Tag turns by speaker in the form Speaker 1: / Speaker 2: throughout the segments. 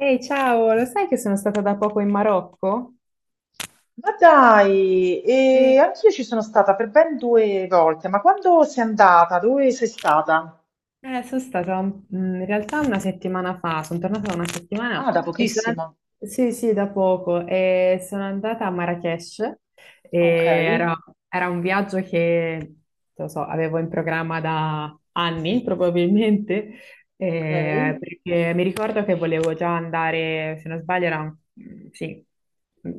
Speaker 1: Ehi, ciao, lo sai che sono stata da poco in Marocco?
Speaker 2: Ma dai,
Speaker 1: Sì.
Speaker 2: e anch'io ci sono stata per ben due volte, ma quando sei andata? Dove sei stata?
Speaker 1: Sono stata in realtà una settimana fa, sono tornata da una settimana.
Speaker 2: Ah, da
Speaker 1: e sono and-
Speaker 2: pochissimo.
Speaker 1: sì, sì, da poco e sono andata a Marrakech. E
Speaker 2: Ok,
Speaker 1: era, era un viaggio che, non lo so, avevo in programma da anni probabilmente,
Speaker 2: ok.
Speaker 1: perché mi ricordo che volevo già andare, se non sbaglio era sì,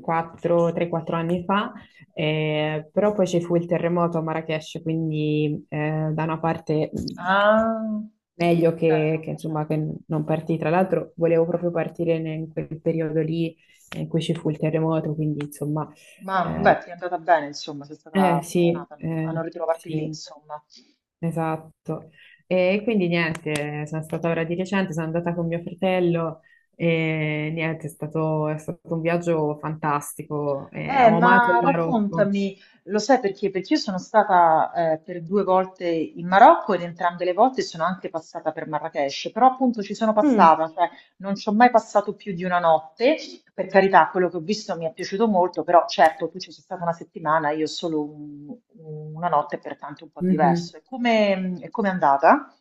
Speaker 1: 4, 3-4 anni fa. Però poi ci fu il terremoto a Marrakech, quindi da una parte
Speaker 2: Ah,
Speaker 1: meglio che,
Speaker 2: certo,
Speaker 1: insomma, che
Speaker 2: certo.
Speaker 1: non partì. Tra l'altro volevo proprio partire in quel periodo lì, in cui ci fu il terremoto, quindi insomma,
Speaker 2: Ma beh,
Speaker 1: eh,
Speaker 2: ti è andata bene, insomma, sei stata
Speaker 1: sì,
Speaker 2: fortunata a non ritrovarti lì,
Speaker 1: sì,
Speaker 2: insomma.
Speaker 1: esatto. E quindi niente, sono stata ora di recente, sono andata con mio fratello e niente, è stato un viaggio fantastico, ho amato
Speaker 2: Ma
Speaker 1: il Marocco.
Speaker 2: raccontami, lo sai perché? Perché io sono stata per due volte in Marocco ed entrambe le volte sono anche passata per Marrakech, però appunto ci sono
Speaker 1: Mm.
Speaker 2: passata, cioè non ci ho mai passato più di una notte, per carità, quello che ho visto mi è piaciuto molto, però certo tu ci sei stata una settimana, io solo una notte, pertanto un po'
Speaker 1: Mhm.
Speaker 2: diverso. E come è andata?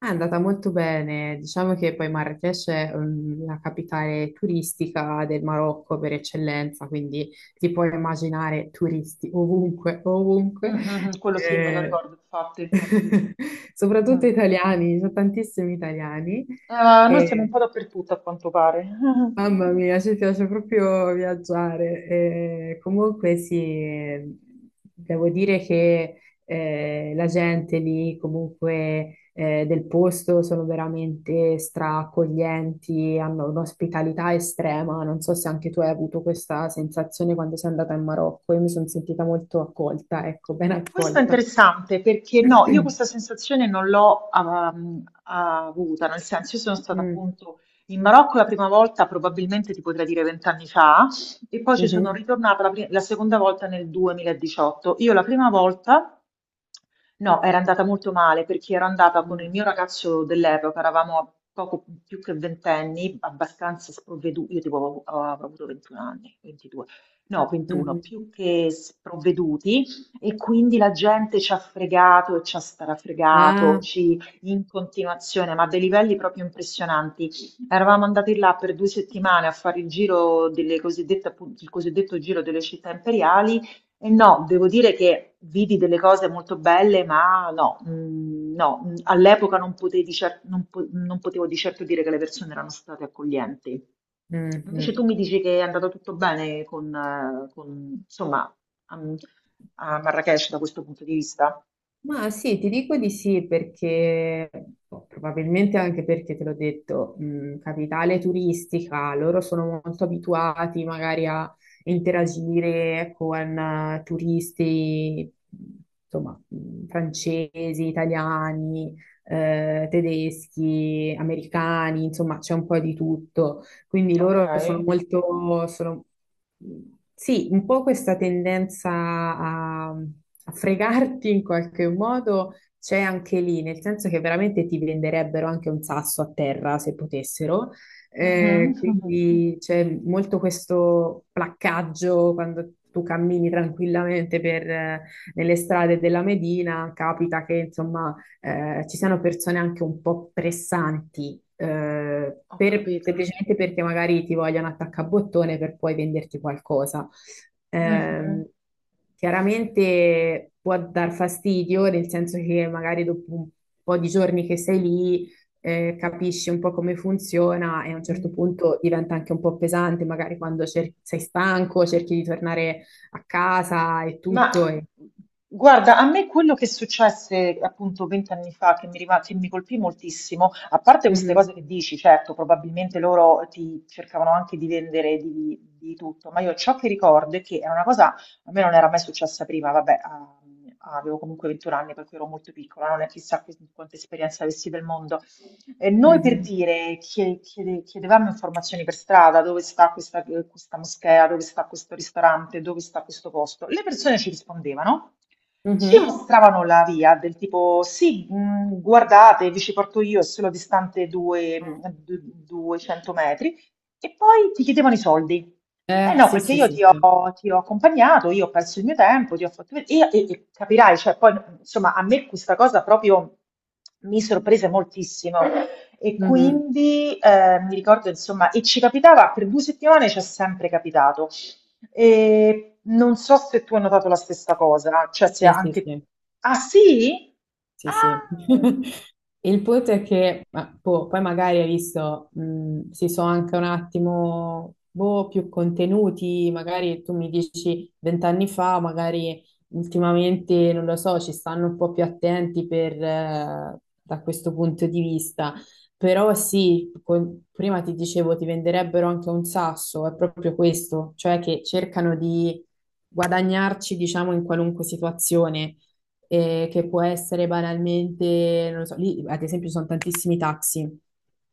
Speaker 1: È andata molto bene, diciamo che poi Marrakech è la capitale turistica del Marocco per eccellenza, quindi ti puoi immaginare turisti ovunque, ovunque.
Speaker 2: Mhm, quello sì, me lo
Speaker 1: Eh,
Speaker 2: ricordo infatti.
Speaker 1: Soprattutto
Speaker 2: Mm.
Speaker 1: italiani, ci sono tantissimi italiani.
Speaker 2: Ma noi siamo un po' dappertutto a quanto pare.
Speaker 1: Mamma mia, ci piace proprio viaggiare. Comunque sì, devo dire che la gente lì, comunque del posto, sono veramente straaccoglienti, hanno un'ospitalità estrema. Non so se anche tu hai avuto questa sensazione quando sei andata in Marocco. Io mi sono sentita molto accolta, ecco, ben
Speaker 2: Questo è
Speaker 1: accolta.
Speaker 2: interessante perché no, io questa sensazione non l'ho avuta, nel senso io sono stata
Speaker 1: Mm,
Speaker 2: appunto in Marocco la prima volta, probabilmente ti potrei dire 20 anni fa, e poi ci sono
Speaker 1: mhm,
Speaker 2: ritornata la seconda volta nel 2018. Io la prima volta, no, era andata molto male perché ero andata con
Speaker 1: mm,
Speaker 2: il mio ragazzo dell'epoca, eravamo a poco più che ventenni, abbastanza sprovveduti, io tipo avevo avuto 21 anni, 22, no, 21,
Speaker 1: mhm.
Speaker 2: più che sprovveduti. E quindi la gente ci ha fregato e ci ha strafregato,
Speaker 1: Ah,
Speaker 2: ci, in continuazione, ma a dei livelli proprio impressionanti. Eravamo andati là per 2 settimane a fare il giro delle cosiddette, appunto, il cosiddetto giro delle città imperiali. E no, devo dire che vidi delle cose molto belle, ma no, no, all'epoca non potevi non potevo di certo dire che le persone erano state accoglienti.
Speaker 1: mm,
Speaker 2: Invece tu
Speaker 1: mm.
Speaker 2: mi dici che è andato tutto bene con, insomma, a, a Marrakech da questo punto di vista?
Speaker 1: Ma sì, ti dico di sì perché, boh, probabilmente anche perché te l'ho detto, capitale turistica, loro sono molto abituati magari a interagire con turisti, insomma, francesi, italiani, tedeschi, americani, insomma, c'è un po' di tutto. Quindi
Speaker 2: Ok,
Speaker 1: loro sono sì, un po' questa tendenza a fregarti in qualche modo c'è anche lì, nel senso che veramente ti venderebbero anche un sasso a terra se potessero.
Speaker 2: mhm.
Speaker 1: Quindi c'è molto questo placcaggio quando tu cammini tranquillamente nelle strade della Medina, capita che insomma ci siano persone anche un po' pressanti,
Speaker 2: Ho capito.
Speaker 1: semplicemente perché magari ti vogliono attaccabottone per poi venderti qualcosa.
Speaker 2: Mhm.
Speaker 1: Ehm, Chiaramente può dar fastidio, nel senso che magari dopo un po' di giorni che sei lì, capisci un po' come funziona e a un certo
Speaker 2: Mhm.
Speaker 1: punto diventa anche un po' pesante, magari quando sei stanco, cerchi di tornare a casa e
Speaker 2: Ma
Speaker 1: tutto.
Speaker 2: guarda, a me quello che successe appunto 20 anni fa, che mi colpì moltissimo, a parte queste
Speaker 1: Mhm,
Speaker 2: cose che dici, certo, probabilmente loro ti cercavano anche di vendere di tutto, ma io ciò che ricordo è che è una cosa, a me non era mai successa prima, vabbè, avevo comunque 21 anni, per cui ero molto piccola, non è chissà quanta esperienza avessi del mondo, noi per
Speaker 1: mhm,
Speaker 2: dire, chiedevamo informazioni per strada, dove sta questa moschea, dove sta questo ristorante, dove sta questo posto. Le persone ci rispondevano, ci
Speaker 1: mhm.
Speaker 2: mostravano la via del tipo, sì, guardate, vi ci porto io, è solo distante 200 metri, e poi ti chiedevano i soldi. Eh no,
Speaker 1: Sì,
Speaker 2: perché
Speaker 1: sì,
Speaker 2: io
Speaker 1: sì,
Speaker 2: ti
Speaker 1: sì.
Speaker 2: ho, ti ho accompagnato, io ho perso il mio tempo, ti ho fatto vedere, e capirai, cioè poi, insomma, a me questa cosa proprio mi sorprese moltissimo. E
Speaker 1: Mhm.
Speaker 2: quindi mi ricordo, insomma, e ci capitava per 2 settimane, ci è sempre capitato. E non so se tu hai notato la stessa cosa, cioè se
Speaker 1: Sì, sì,
Speaker 2: anche.
Speaker 1: sì.
Speaker 2: Ah sì?
Speaker 1: Sì, sì.
Speaker 2: Ah!
Speaker 1: Il punto è che, ma, boh, poi magari hai visto, si sono anche un attimo, boh, più contenuti. Magari tu mi dici 20 anni fa, magari ultimamente, non lo so, ci stanno un po' più attenti da questo punto di vista. Però sì, prima ti dicevo, ti venderebbero anche un sasso, è proprio questo, cioè che cercano di guadagnarci, diciamo, in qualunque situazione, che può essere banalmente, non lo so, lì ad esempio ci sono tantissimi taxi,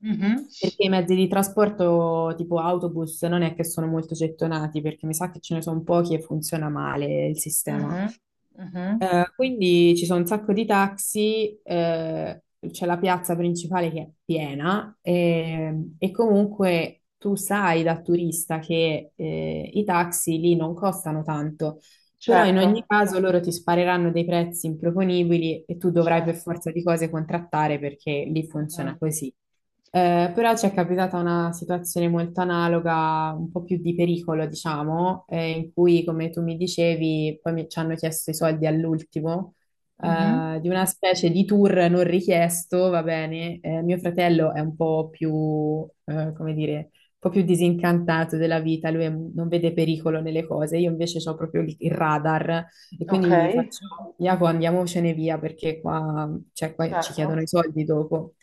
Speaker 2: Mhm,
Speaker 1: perché i mezzi di trasporto tipo autobus non è che sono molto gettonati, perché mi sa che ce ne sono pochi e funziona male il sistema.
Speaker 2: mhm, mhm.
Speaker 1: Quindi ci sono un sacco di taxi, c'è la piazza principale che è piena, e comunque tu sai da turista che i taxi lì non costano tanto, però in ogni
Speaker 2: Certo,
Speaker 1: caso loro ti spareranno dei prezzi improponibili e tu dovrai per forza
Speaker 2: certo.
Speaker 1: di cose contrattare perché lì funziona
Speaker 2: Mhm.
Speaker 1: così. Però ci è capitata una situazione molto analoga, un po' più di pericolo, diciamo, in cui, come tu mi dicevi, poi ci hanno chiesto i soldi all'ultimo,
Speaker 2: Mhm,
Speaker 1: di una specie di tour non richiesto, va bene. Mio fratello è un po' più, come dire, un po' più disincantato della vita, non vede pericolo nelle cose, io invece ho proprio il radar e
Speaker 2: ok,
Speaker 1: quindi gli faccio: Iaco, andiamocene via perché qua, cioè, qua ci
Speaker 2: certo.
Speaker 1: chiedono i soldi dopo.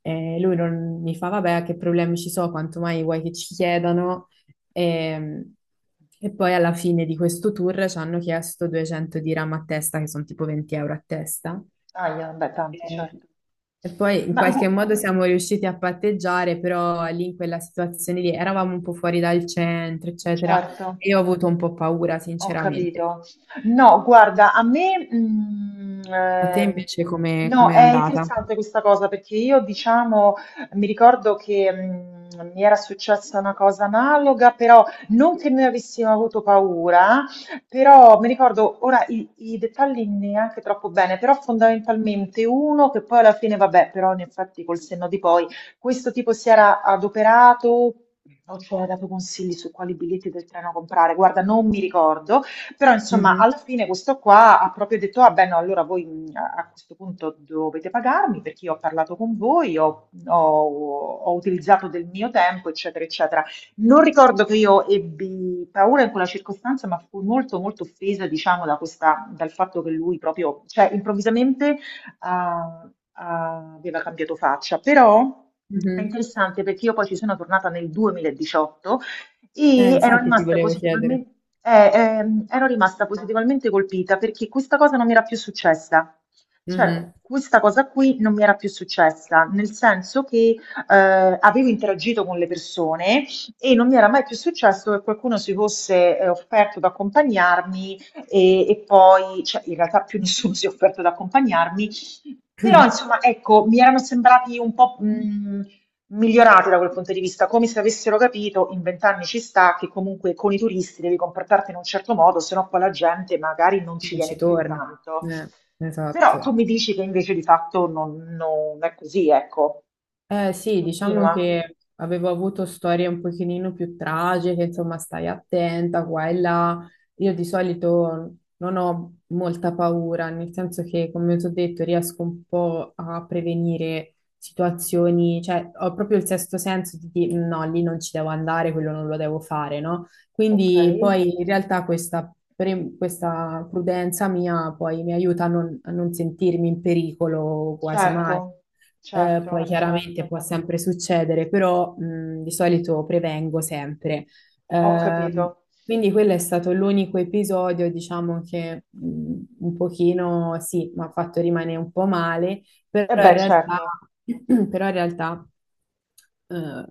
Speaker 1: E lui non mi fa: vabbè, che problemi ci sono, quanto mai vuoi che ci chiedano? E, e poi alla fine di questo tour ci hanno chiesto 200 dirham a testa, che sono tipo 20 euro a testa.
Speaker 2: Ah, beh, tanti,
Speaker 1: E,
Speaker 2: certo.
Speaker 1: e poi in
Speaker 2: Ma
Speaker 1: qualche
Speaker 2: gu-
Speaker 1: modo siamo riusciti a patteggiare, però lì in quella situazione lì eravamo un po' fuori dal centro, eccetera,
Speaker 2: certo.
Speaker 1: e io ho avuto un po' paura,
Speaker 2: Ho
Speaker 1: sinceramente.
Speaker 2: capito. No, guarda, a me,
Speaker 1: A te invece come
Speaker 2: no,
Speaker 1: come è
Speaker 2: è
Speaker 1: andata?
Speaker 2: interessante questa cosa perché io, diciamo, mi ricordo che mi era successa una cosa analoga, però non che noi avessimo avuto paura, però mi ricordo ora i dettagli neanche troppo bene, però fondamentalmente uno che poi alla fine, vabbè, però in effetti col senno di poi questo tipo si era adoperato o ci aveva dato consigli su quali biglietti del treno comprare? Guarda, non mi ricordo, però insomma,
Speaker 1: Mhm,
Speaker 2: alla fine questo qua ha proprio detto: Ah, beh, no, allora voi a questo punto dovete pagarmi perché io ho parlato con voi, ho utilizzato del mio tempo, eccetera, eccetera. Non ricordo che io ebbi paura in quella circostanza, ma fui molto, molto offesa, diciamo, da questa, dal fatto che lui proprio, cioè, improvvisamente a- aveva cambiato faccia, però è
Speaker 1: mhm.
Speaker 2: interessante perché io poi ci sono tornata nel 2018 e
Speaker 1: Infatti ti volevo chiedere.
Speaker 2: ero rimasta positivamente colpita perché questa cosa non mi era più successa. Cioè,
Speaker 1: Mhm.
Speaker 2: questa cosa qui non mi era più successa, nel senso che avevo interagito con le persone e non mi era mai più successo che qualcuno si fosse offerto ad accompagnarmi e poi, cioè, in realtà più nessuno si è offerto ad accompagnarmi però insomma, ecco, mi erano sembrati un po', migliorati da quel punto di vista, come se avessero capito in 20 anni ci sta che comunque con i turisti devi comportarti in un certo modo, se no poi la gente magari non ci
Speaker 1: Non
Speaker 2: viene
Speaker 1: ci
Speaker 2: più
Speaker 1: torna.
Speaker 2: tanto.
Speaker 1: Eh,
Speaker 2: Però tu
Speaker 1: esatto.
Speaker 2: mi dici che invece di fatto non è così, ecco.
Speaker 1: Eh sì, diciamo
Speaker 2: Continua.
Speaker 1: che avevo avuto storie un pochino più tragiche, insomma, stai attenta qua e là. Io di solito non ho molta paura, nel senso che, come ti ho detto, riesco un po' a prevenire situazioni, cioè ho proprio il sesto senso di dire no, lì non ci devo andare, quello non lo devo fare, no?
Speaker 2: Ok.
Speaker 1: Quindi poi in realtà questa, questa prudenza mia poi mi aiuta a non sentirmi in pericolo quasi mai.
Speaker 2: Certo,
Speaker 1: Poi
Speaker 2: certo,
Speaker 1: chiaramente
Speaker 2: certo.
Speaker 1: può sempre succedere, però di solito prevengo sempre.
Speaker 2: Ho capito.
Speaker 1: Ehm, quindi quello è stato l'unico episodio, diciamo che un pochino sì, mi ha fatto rimanere un po' male, però
Speaker 2: E
Speaker 1: in
Speaker 2: beh,
Speaker 1: realtà,
Speaker 2: certo,
Speaker 1: però in realtà eh,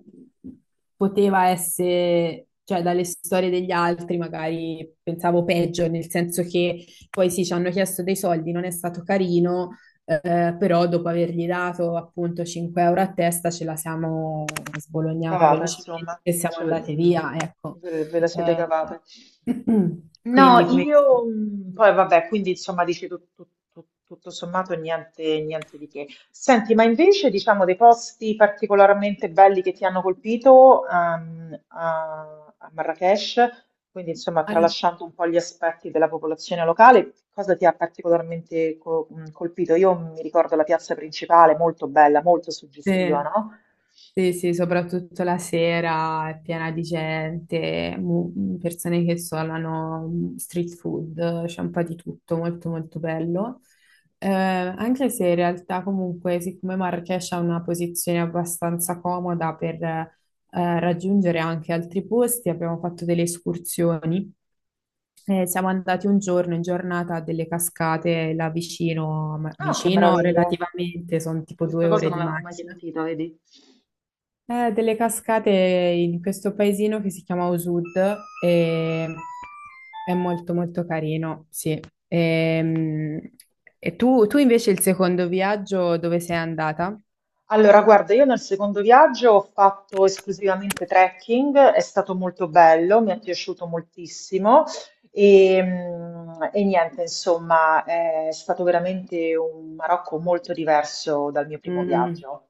Speaker 1: poteva essere, cioè dalle storie degli altri magari pensavo peggio, nel senso che poi sì, ci hanno chiesto dei soldi, non è stato carino, però dopo avergli dato appunto 5 euro a testa ce la siamo sbolognata
Speaker 2: cavata
Speaker 1: velocemente
Speaker 2: insomma,
Speaker 1: e siamo
Speaker 2: ce l
Speaker 1: andate
Speaker 2: mhmm,
Speaker 1: via, ecco.
Speaker 2: ve la siete
Speaker 1: Eh,
Speaker 2: cavata. No,
Speaker 1: quindi questo.
Speaker 2: io poi vabbè, quindi insomma dici tutto sommato niente, niente di che. Senti, ma invece diciamo dei posti particolarmente belli che ti hanno colpito a Marrakech, quindi insomma
Speaker 1: Allora,
Speaker 2: tralasciando un po' gli aspetti della popolazione locale, cosa ti ha particolarmente colpito? Io mi ricordo la piazza principale, molto bella, molto suggestiva,
Speaker 1: sì,
Speaker 2: no?
Speaker 1: sì, sì, soprattutto la sera è piena di gente, persone che suonano street food, c'è un po' di tutto, molto molto bello. Anche se in realtà comunque, siccome Marrakesh ha una posizione abbastanza comoda per raggiungere anche altri posti, abbiamo fatto delle escursioni. Siamo andati un giorno in giornata a delle cascate là vicino, ma
Speaker 2: Ah, che
Speaker 1: vicino
Speaker 2: meraviglia!
Speaker 1: relativamente, sono tipo
Speaker 2: Questa
Speaker 1: due
Speaker 2: cosa
Speaker 1: ore
Speaker 2: non
Speaker 1: di
Speaker 2: l'avevo mai
Speaker 1: macchina.
Speaker 2: sentita, vedi?
Speaker 1: Delle cascate in questo paesino che si chiama Osud e è molto molto carino, sì. Ehm, E, tu invece il secondo viaggio dove sei andata?
Speaker 2: Allora, guarda, io nel secondo viaggio ho fatto esclusivamente trekking, è stato molto bello, mi è piaciuto moltissimo e niente, insomma, è stato veramente un Marocco molto diverso dal mio primo viaggio.